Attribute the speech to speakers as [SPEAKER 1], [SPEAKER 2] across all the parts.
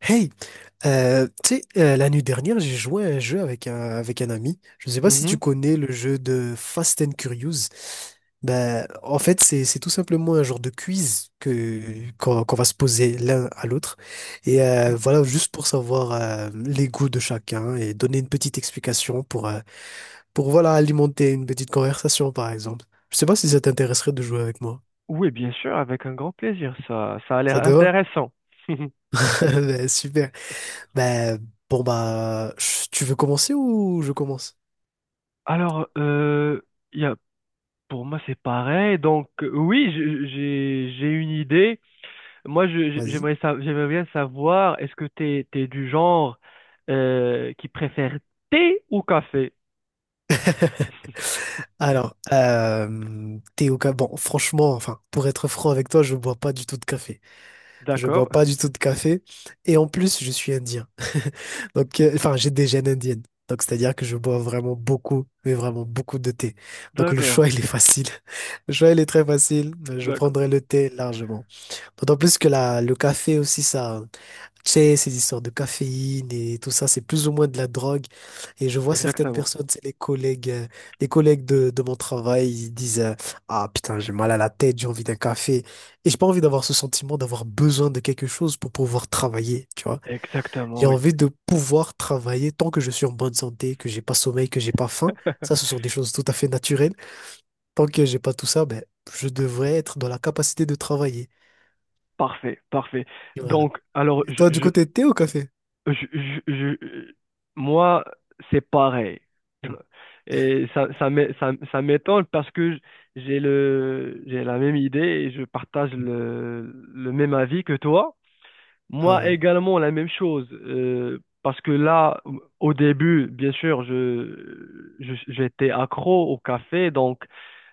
[SPEAKER 1] Hey, tu sais, l'année dernière, j'ai joué à un jeu avec avec un ami. Je ne sais pas si tu
[SPEAKER 2] Mhm.
[SPEAKER 1] connais le jeu de Fast and Curious. Ben, en fait, c'est tout simplement un genre de quiz qu'on va se poser l'un à l'autre. Et voilà, juste pour savoir les goûts de chacun et donner une petite explication pour voilà, alimenter une petite conversation, par exemple. Je ne sais pas si
[SPEAKER 2] Ou-
[SPEAKER 1] ça t'intéresserait de jouer avec moi.
[SPEAKER 2] Oui, bien sûr, avec un grand plaisir. Ça a l'air
[SPEAKER 1] Ça te va?
[SPEAKER 2] intéressant.
[SPEAKER 1] Ben, super. Ben, tu veux commencer ou je commence?
[SPEAKER 2] Alors, y a- pour moi, c'est pareil. Donc, oui, j'ai une idée. Moi,
[SPEAKER 1] Vas-y.
[SPEAKER 2] j'aimerais bien savoir, est-ce que t'es du genre qui préfère thé ou café?
[SPEAKER 1] Alors, Bon, franchement, enfin, pour être franc avec toi, je bois pas du tout de café. Je
[SPEAKER 2] D'accord,
[SPEAKER 1] bois pas du tout de café. Et en plus, je suis indien. Donc, enfin, j'ai des gènes indiennes. Donc, c'est-à-dire que je bois vraiment beaucoup, mais vraiment beaucoup de thé. Donc, le
[SPEAKER 2] d'accord,
[SPEAKER 1] choix, il est facile. Le choix, il est très facile. Je
[SPEAKER 2] d'accord.
[SPEAKER 1] prendrai le thé largement. D'autant plus que le café aussi, ça. Tu sais, ces histoires de caféine et tout ça, c'est plus ou moins de la drogue. Et je vois certaines
[SPEAKER 2] Exactement,
[SPEAKER 1] personnes, c'est les collègues de mon travail, ils disent ah putain, j'ai mal à la tête, j'ai envie d'un café. Et j'ai pas envie d'avoir ce sentiment d'avoir besoin de quelque chose pour pouvoir travailler, tu vois.
[SPEAKER 2] exactement,
[SPEAKER 1] J'ai
[SPEAKER 2] oui.
[SPEAKER 1] envie de pouvoir travailler tant que je suis en bonne santé, que j'ai pas sommeil, que j'ai pas faim. Ça, ce sont des choses tout à fait naturelles. Tant que j'ai pas tout ça, ben, je devrais être dans la capacité de travailler.
[SPEAKER 2] Parfait, parfait.
[SPEAKER 1] Et voilà.
[SPEAKER 2] Donc, alors,
[SPEAKER 1] Et toi, du
[SPEAKER 2] je,
[SPEAKER 1] côté, t'es au café?
[SPEAKER 2] Je, je- je- moi, c'est pareil. Et ça m'étonne parce que j'ai la même idée et je partage le même avis que toi. Moi
[SPEAKER 1] Ah.
[SPEAKER 2] également, la même chose. Parce que là, au début, bien sûr, j'étais accro au café, donc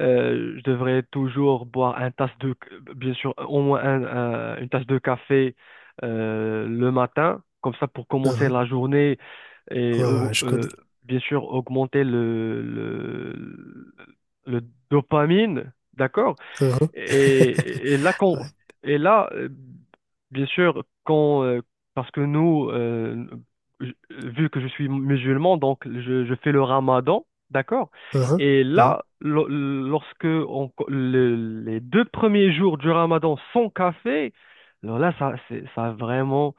[SPEAKER 2] je devrais toujours boire bien sûr, au moins un- une tasse de café le matin, comme ça pour commencer
[SPEAKER 1] Uhum.
[SPEAKER 2] la journée et
[SPEAKER 1] Ouais, ouais, ouais, je connais.
[SPEAKER 2] bien sûr augmenter le dopamine, d'accord?
[SPEAKER 1] Uhum.
[SPEAKER 2] Et, et là, quand,
[SPEAKER 1] Ouais.
[SPEAKER 2] et là, bien sûr, parce que vu que je suis musulman, donc je fais le ramadan, d'accord?
[SPEAKER 1] Uhum.
[SPEAKER 2] Et
[SPEAKER 1] Uhum.
[SPEAKER 2] là, lorsque on- co- le- les deux premiers jours du ramadan sont café, alors là, ça vraiment,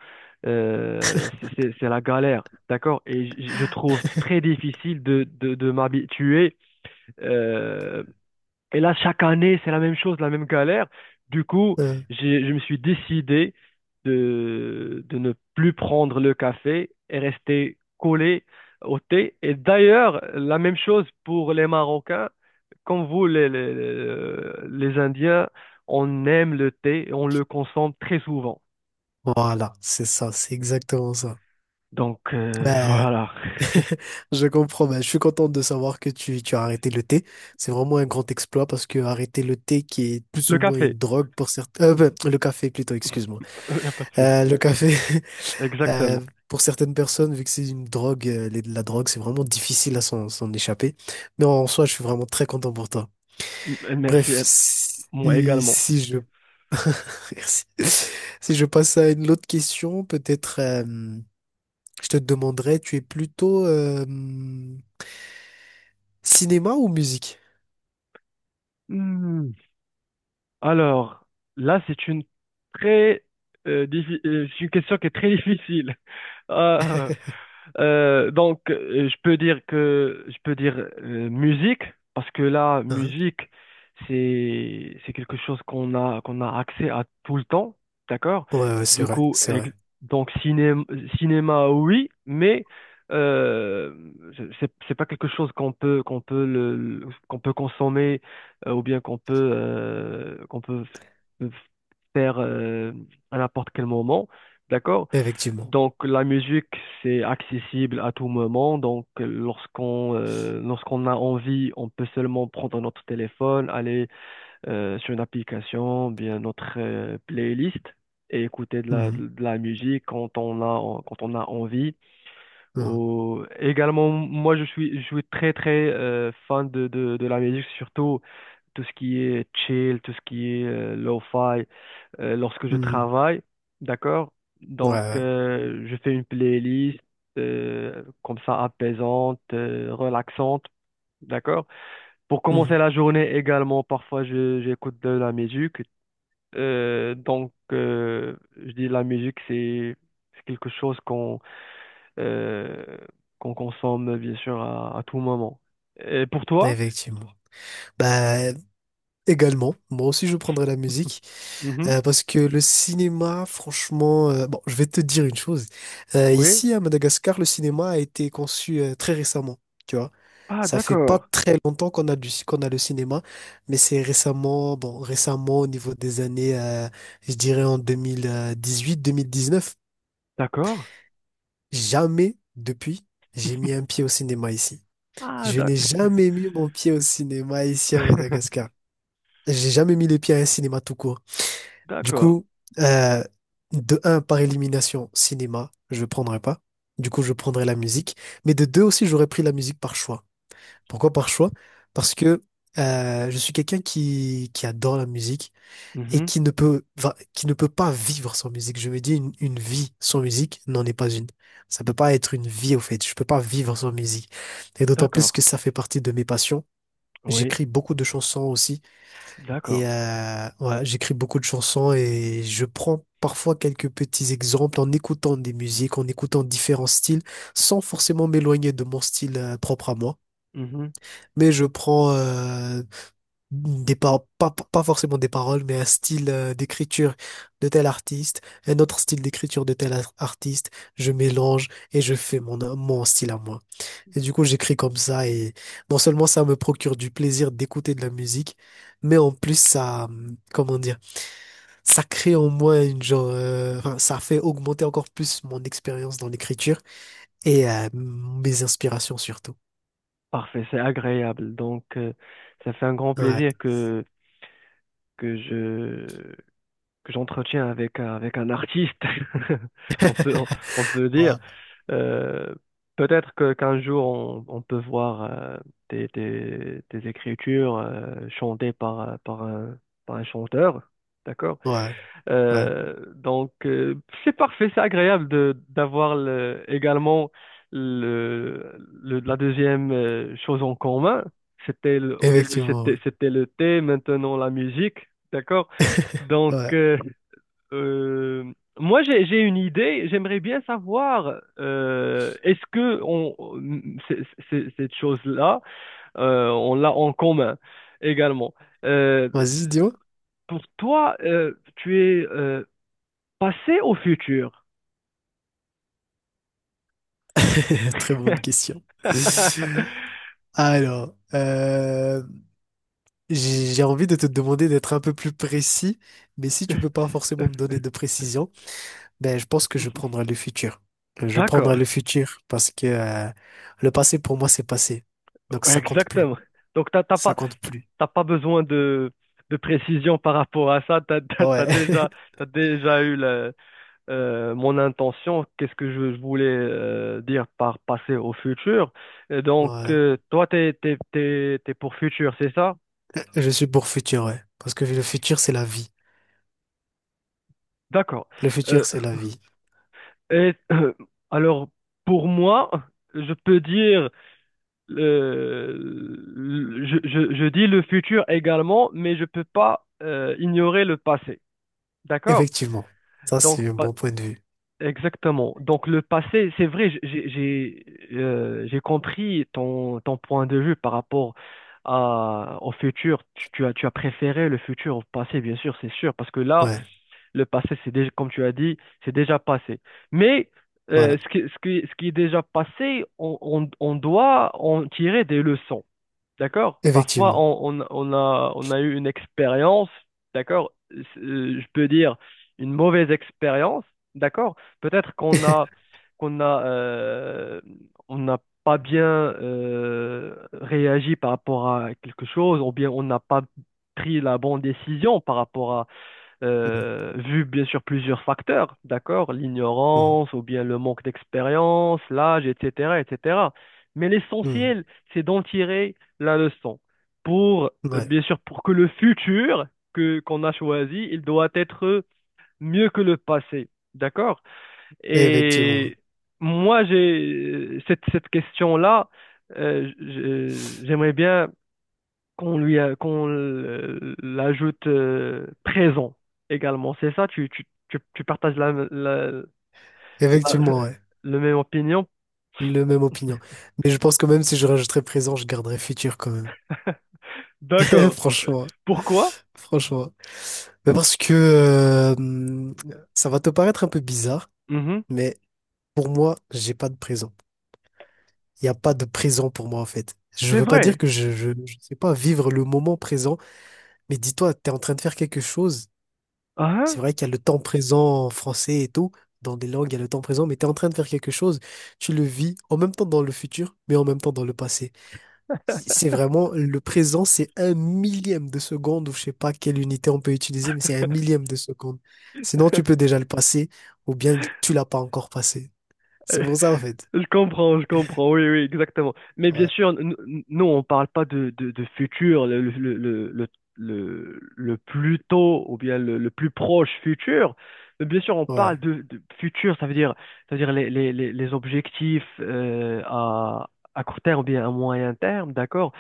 [SPEAKER 2] c'est la galère, d'accord? Et je trouve très difficile de m'habituer euh, et là, chaque année, c'est la même chose, la même galère. Du coup,
[SPEAKER 1] Uhum.
[SPEAKER 2] je me suis décidé de ne plus prendre le café et rester collé au thé. Et d'ailleurs, la même chose pour les Marocains. Comme vous, les Indiens, on aime le thé et on le consomme très souvent.
[SPEAKER 1] Voilà, c'est ça, c'est exactement ça.
[SPEAKER 2] Donc,
[SPEAKER 1] Ben,
[SPEAKER 2] voilà.
[SPEAKER 1] je comprends, ben, je suis content de savoir que tu as arrêté le thé. C'est vraiment un grand exploit parce que arrêter le thé qui est plus
[SPEAKER 2] Le
[SPEAKER 1] ou moins
[SPEAKER 2] café,
[SPEAKER 1] une drogue pour certains... ben, le café plutôt, excuse-moi.
[SPEAKER 2] il n'y a pas de souci.
[SPEAKER 1] Le café, euh,
[SPEAKER 2] Exactement.
[SPEAKER 1] pour certaines personnes, vu que c'est une drogue, la drogue, c'est vraiment difficile à s'en échapper. Mais en soi, je suis vraiment très content pour toi.
[SPEAKER 2] Merci
[SPEAKER 1] Bref,
[SPEAKER 2] à moi également.
[SPEAKER 1] si je, si si je passe à une autre question, peut-être je te demanderais, tu es plutôt cinéma ou musique?
[SPEAKER 2] Hmm. Alors, là, c'est une très c'est une question qui est très difficile. Donc, je peux dire musique parce que là,
[SPEAKER 1] Hein.
[SPEAKER 2] musique, c'est quelque chose qu'on a accès à tout le temps, d'accord?
[SPEAKER 1] Ouais, ouais,
[SPEAKER 2] Du coup,
[SPEAKER 1] c'est vrai,
[SPEAKER 2] donc cinéma, oui, mais euh, c'est pas quelque chose qu'on peut qu'on peut consommer ou bien qu'on peut f- f- faire à n'importe quel moment, d'accord?
[SPEAKER 1] effectivement.
[SPEAKER 2] Donc la musique, c'est accessible à tout moment. Donc lorsqu'on a envie, on peut seulement prendre notre téléphone, aller sur une application, bien notre playlist et écouter
[SPEAKER 1] Mhm,
[SPEAKER 2] de la musique quand on a envie.
[SPEAKER 1] mhm,
[SPEAKER 2] Également, moi je suis très très fan de la musique, surtout tout ce qui est chill, tout ce qui est lo-fi, lorsque je
[SPEAKER 1] mhm.
[SPEAKER 2] travaille, d'accord?
[SPEAKER 1] Ouais,
[SPEAKER 2] Donc,
[SPEAKER 1] ouais.
[SPEAKER 2] je fais une playlist comme ça apaisante, relaxante, d'accord? Pour commencer
[SPEAKER 1] Mhm.
[SPEAKER 2] la journée également, parfois j'écoute de la musique. Donc, je dis la musique, c'est quelque chose qu'on euh, qu'on consomme bien sûr à tout moment. Et pour toi?
[SPEAKER 1] Effectivement. Bah, également, moi aussi je prendrais la musique
[SPEAKER 2] Mhm.
[SPEAKER 1] parce que le cinéma, franchement, bon, je vais te dire une chose.
[SPEAKER 2] Oui.
[SPEAKER 1] Ici à Madagascar, le cinéma a été conçu très récemment, tu vois.
[SPEAKER 2] Ah,
[SPEAKER 1] Ça fait pas
[SPEAKER 2] d'accord,
[SPEAKER 1] très longtemps qu'on a le cinéma, mais c'est récemment, bon, récemment au niveau des années, je dirais en 2018-2019.
[SPEAKER 2] d'accord.
[SPEAKER 1] Jamais depuis, j'ai mis un pied au cinéma ici.
[SPEAKER 2] Ah,
[SPEAKER 1] Je
[SPEAKER 2] d'ac-
[SPEAKER 1] n'ai jamais mis mon pied au cinéma ici à Madagascar. J'ai jamais mis les pieds à un cinéma tout court. Du
[SPEAKER 2] d'accord.
[SPEAKER 1] coup, euh, de un, par élimination, cinéma, je ne prendrais pas. Du coup, je prendrais la musique. Mais de deux aussi, j'aurais pris la musique par choix. Pourquoi par choix? Parce que je suis quelqu'un qui adore la musique et
[SPEAKER 2] Mhm.
[SPEAKER 1] qui ne peut, qui ne peut pas vivre sans musique. Je me dis, une vie sans musique n'en est pas une. Ça peut pas être une vie, au fait. Je peux pas vivre sans musique. Et d'autant plus
[SPEAKER 2] D'accord.
[SPEAKER 1] que ça fait partie de mes passions.
[SPEAKER 2] Oui,
[SPEAKER 1] J'écris beaucoup de chansons aussi.
[SPEAKER 2] d'accord.
[SPEAKER 1] Et ouais, j'écris beaucoup de chansons et je prends parfois quelques petits exemples en écoutant des musiques, en écoutant différents styles, sans forcément m'éloigner de mon style propre à moi.
[SPEAKER 2] Mhm.
[SPEAKER 1] Mais je prends pas, pas forcément des paroles, mais un style d'écriture de tel artiste, un autre style d'écriture de tel artiste. Je mélange et je fais mon style à moi. Et du coup, j'écris comme ça et non seulement ça me procure du plaisir d'écouter de la musique, mais en plus ça, comment dire? Ça crée en moi une genre, enfin, ça fait augmenter encore plus mon expérience dans l'écriture et mes inspirations surtout.
[SPEAKER 2] Parfait, c'est agréable. Donc, ça fait un grand
[SPEAKER 1] Ouais.
[SPEAKER 2] plaisir que que j'entretiens avec, avec un artiste, on peut, on, on peut dire.
[SPEAKER 1] Ouais,
[SPEAKER 2] Euh, peut-être qu'un jour, on peut voir tes écritures chantées par, par un chanteur. D'accord?
[SPEAKER 1] ouais, ouais.
[SPEAKER 2] Donc, c'est parfait, c'est agréable de d'avoir également le, la deuxième chose en commun. Au début,
[SPEAKER 1] Effectivement. Ouais.
[SPEAKER 2] c'était le thé, maintenant la musique, d'accord? Donc,
[SPEAKER 1] Ouais.
[SPEAKER 2] euh, moi, j'ai une idée. J'aimerais bien savoir, est-ce que c'est- cette chose-là, on l'a en commun également. Euh,
[SPEAKER 1] Vas-y, dis-moi.
[SPEAKER 2] pour toi, tu es passé au futur.
[SPEAKER 1] Très bonne question. Alors, j'ai envie de te demander d'être un peu plus précis, mais si tu peux pas forcément me donner de précision, ben, je pense que je prendrai le futur. Je prendrai
[SPEAKER 2] D'accord,
[SPEAKER 1] le futur parce que le passé pour moi c'est passé. Donc ça compte plus.
[SPEAKER 2] exactement. Donc,
[SPEAKER 1] Ça compte
[SPEAKER 2] t'as
[SPEAKER 1] plus.
[SPEAKER 2] t'as pas besoin de précision par rapport à ça.
[SPEAKER 1] Ouais.
[SPEAKER 2] T'as déjà eu mon intention. Qu'est-ce que je voulais dire par passer au futur? Et donc,
[SPEAKER 1] Voilà.
[SPEAKER 2] toi, t'es pour futur, c'est ça?
[SPEAKER 1] Je suis pour futur, ouais. Parce que le futur c'est la vie.
[SPEAKER 2] D'accord.
[SPEAKER 1] Le
[SPEAKER 2] Euh,
[SPEAKER 1] futur c'est la vie.
[SPEAKER 2] et alors, pour moi, je peux dire le- je dis le futur également, mais je peux pas ignorer le passé. D'accord?
[SPEAKER 1] Effectivement. Ça
[SPEAKER 2] Donc,
[SPEAKER 1] c'est un bon point de vue.
[SPEAKER 2] exactement. Donc, le passé, c'est vrai, j'ai compris ton point de vue par rapport au futur. Tu as préféré le futur au passé, bien sûr, c'est sûr, parce que là,
[SPEAKER 1] Ouais.
[SPEAKER 2] le passé, c'est déjà, comme tu as dit, c'est déjà passé. Mais
[SPEAKER 1] Voilà.
[SPEAKER 2] ce qui, ce qui est déjà passé, on doit en tirer des leçons. D'accord? Parfois,
[SPEAKER 1] Effectivement.
[SPEAKER 2] on a eu une expérience, d'accord? Je peux dire une mauvaise expérience, d'accord? Peut-être qu'on a, on n'a pas bien réagi par rapport à quelque chose, ou bien on n'a pas pris la bonne décision par rapport
[SPEAKER 1] Mhm.
[SPEAKER 2] vu bien sûr plusieurs facteurs, d'accord, l'ignorance ou bien le manque d'expérience, l'âge, etc., etc. Mais
[SPEAKER 1] Mhm.
[SPEAKER 2] l'essentiel, c'est d'en tirer la leçon pour,
[SPEAKER 1] Mhm. Ouais.
[SPEAKER 2] bien sûr, pour que le futur que qu'on a choisi, il doit être mieux que le passé, d'accord?
[SPEAKER 1] Effectivement.
[SPEAKER 2] Et moi, j'ai cette question-là, j'aimerais bien l'ajoute présent également. C'est ça, tu partages la
[SPEAKER 1] Effectivement, ouais.
[SPEAKER 2] la même opinion?
[SPEAKER 1] Le même opinion. Mais je pense que même si je rajouterais présent, je garderais futur quand même.
[SPEAKER 2] D'accord.
[SPEAKER 1] Franchement,
[SPEAKER 2] Pourquoi?
[SPEAKER 1] franchement. Mais parce que ça va te paraître un peu bizarre,
[SPEAKER 2] Mhm.
[SPEAKER 1] mais pour moi, j'ai pas de présent. Il n'y a pas de présent pour moi, en fait. Je
[SPEAKER 2] C'est
[SPEAKER 1] veux pas dire
[SPEAKER 2] vrai.
[SPEAKER 1] que je sais pas vivre le moment présent, mais dis-toi, tu es en train de faire quelque chose.
[SPEAKER 2] Ah,
[SPEAKER 1] C'est
[SPEAKER 2] hein.
[SPEAKER 1] vrai qu'il y a le temps présent en français et tout. Dans des langues, il y a le temps présent, mais tu es en train de faire quelque chose. Tu le vis en même temps dans le futur, mais en même temps dans le passé. Si, c'est vraiment le présent, c'est un millième de seconde, ou je sais pas quelle unité on peut utiliser, mais c'est un millième de seconde. Sinon, tu peux déjà le passer, ou bien tu l'as pas encore passé. C'est pour ça, en fait.
[SPEAKER 2] Je comprends, oui, oui, exactement. Mais bien
[SPEAKER 1] Ouais,
[SPEAKER 2] sûr, nous, on parle pas de futur, le plus tôt ou bien le plus proche futur. Mais bien sûr, on
[SPEAKER 1] ouais.
[SPEAKER 2] parle de futur, ça veut dire les objectifs à court terme ou bien à moyen terme, d'accord?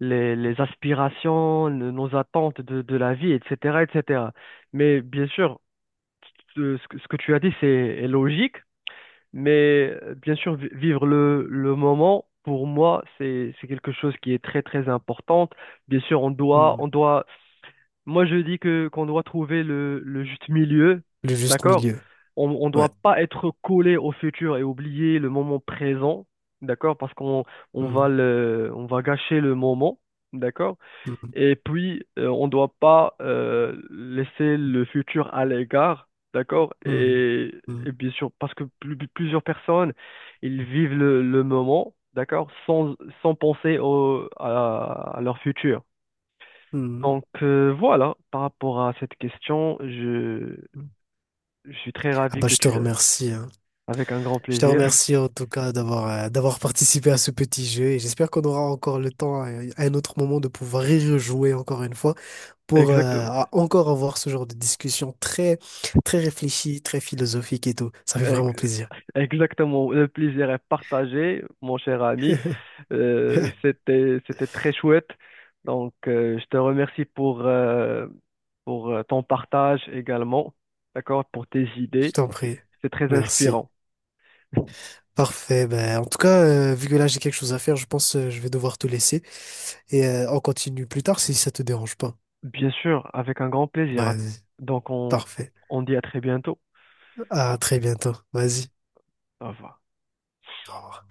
[SPEAKER 2] Les aspirations, nos attentes de la vie, etc., etc. Mais bien sûr, ce que tu as dit, c'est est logique. Mais bien sûr, vivre le moment, pour moi, c'est quelque chose qui est très, très importante. Bien sûr,
[SPEAKER 1] Hmm.
[SPEAKER 2] on doit, moi, je dis que, qu'on doit trouver le juste milieu,
[SPEAKER 1] Le juste
[SPEAKER 2] d'accord?
[SPEAKER 1] milieu.
[SPEAKER 2] On
[SPEAKER 1] Ouais.
[SPEAKER 2] doit pas être collé au futur et oublier le moment présent, d'accord? Parce
[SPEAKER 1] Hmm.
[SPEAKER 2] on va gâcher le moment, d'accord?
[SPEAKER 1] Hmm.
[SPEAKER 2] Et puis, on ne doit pas laisser le futur à l'égard, d'accord?
[SPEAKER 1] Hmm.
[SPEAKER 2] Et,
[SPEAKER 1] Hmm.
[SPEAKER 2] et bien sûr, parce que plusieurs personnes, ils vivent le moment, d'accord? Sans, sans penser à leur futur.
[SPEAKER 1] Hmm.
[SPEAKER 2] Donc voilà, par rapport à cette question,
[SPEAKER 1] Hmm.
[SPEAKER 2] je suis très
[SPEAKER 1] Ah
[SPEAKER 2] ravi
[SPEAKER 1] bah,
[SPEAKER 2] que
[SPEAKER 1] je te
[SPEAKER 2] tu l'aies.
[SPEAKER 1] remercie, hein.
[SPEAKER 2] Avec un grand
[SPEAKER 1] Je te
[SPEAKER 2] plaisir.
[SPEAKER 1] remercie en tout cas d'avoir d'avoir participé à ce petit jeu. Et j'espère qu'on aura encore encore le temps à un autre moment de pouvoir y rejouer encore une fois. Pour
[SPEAKER 2] Exactement.
[SPEAKER 1] encore avoir ce genre de discussion très, très réfléchie, très philosophique et tout. Ça fait vraiment plaisir.
[SPEAKER 2] Exactement, le plaisir est partagé, mon cher ami.
[SPEAKER 1] Je
[SPEAKER 2] C'était très chouette. Donc, je te remercie pour ton partage également, d'accord, pour tes idées.
[SPEAKER 1] t'en prie. Prie.
[SPEAKER 2] C'est très
[SPEAKER 1] Merci.
[SPEAKER 2] inspirant.
[SPEAKER 1] Parfait. Ben, en tout cas, vu que là, j'ai quelque chose à faire, je pense que je vais devoir te laisser. Et on continue plus tard si ça te dérange pas.
[SPEAKER 2] Bien sûr, avec un grand plaisir.
[SPEAKER 1] Vas-y.
[SPEAKER 2] Donc,
[SPEAKER 1] Parfait.
[SPEAKER 2] on dit à très bientôt.
[SPEAKER 1] À très bientôt. Vas-y.
[SPEAKER 2] Au revoir.
[SPEAKER 1] Au revoir.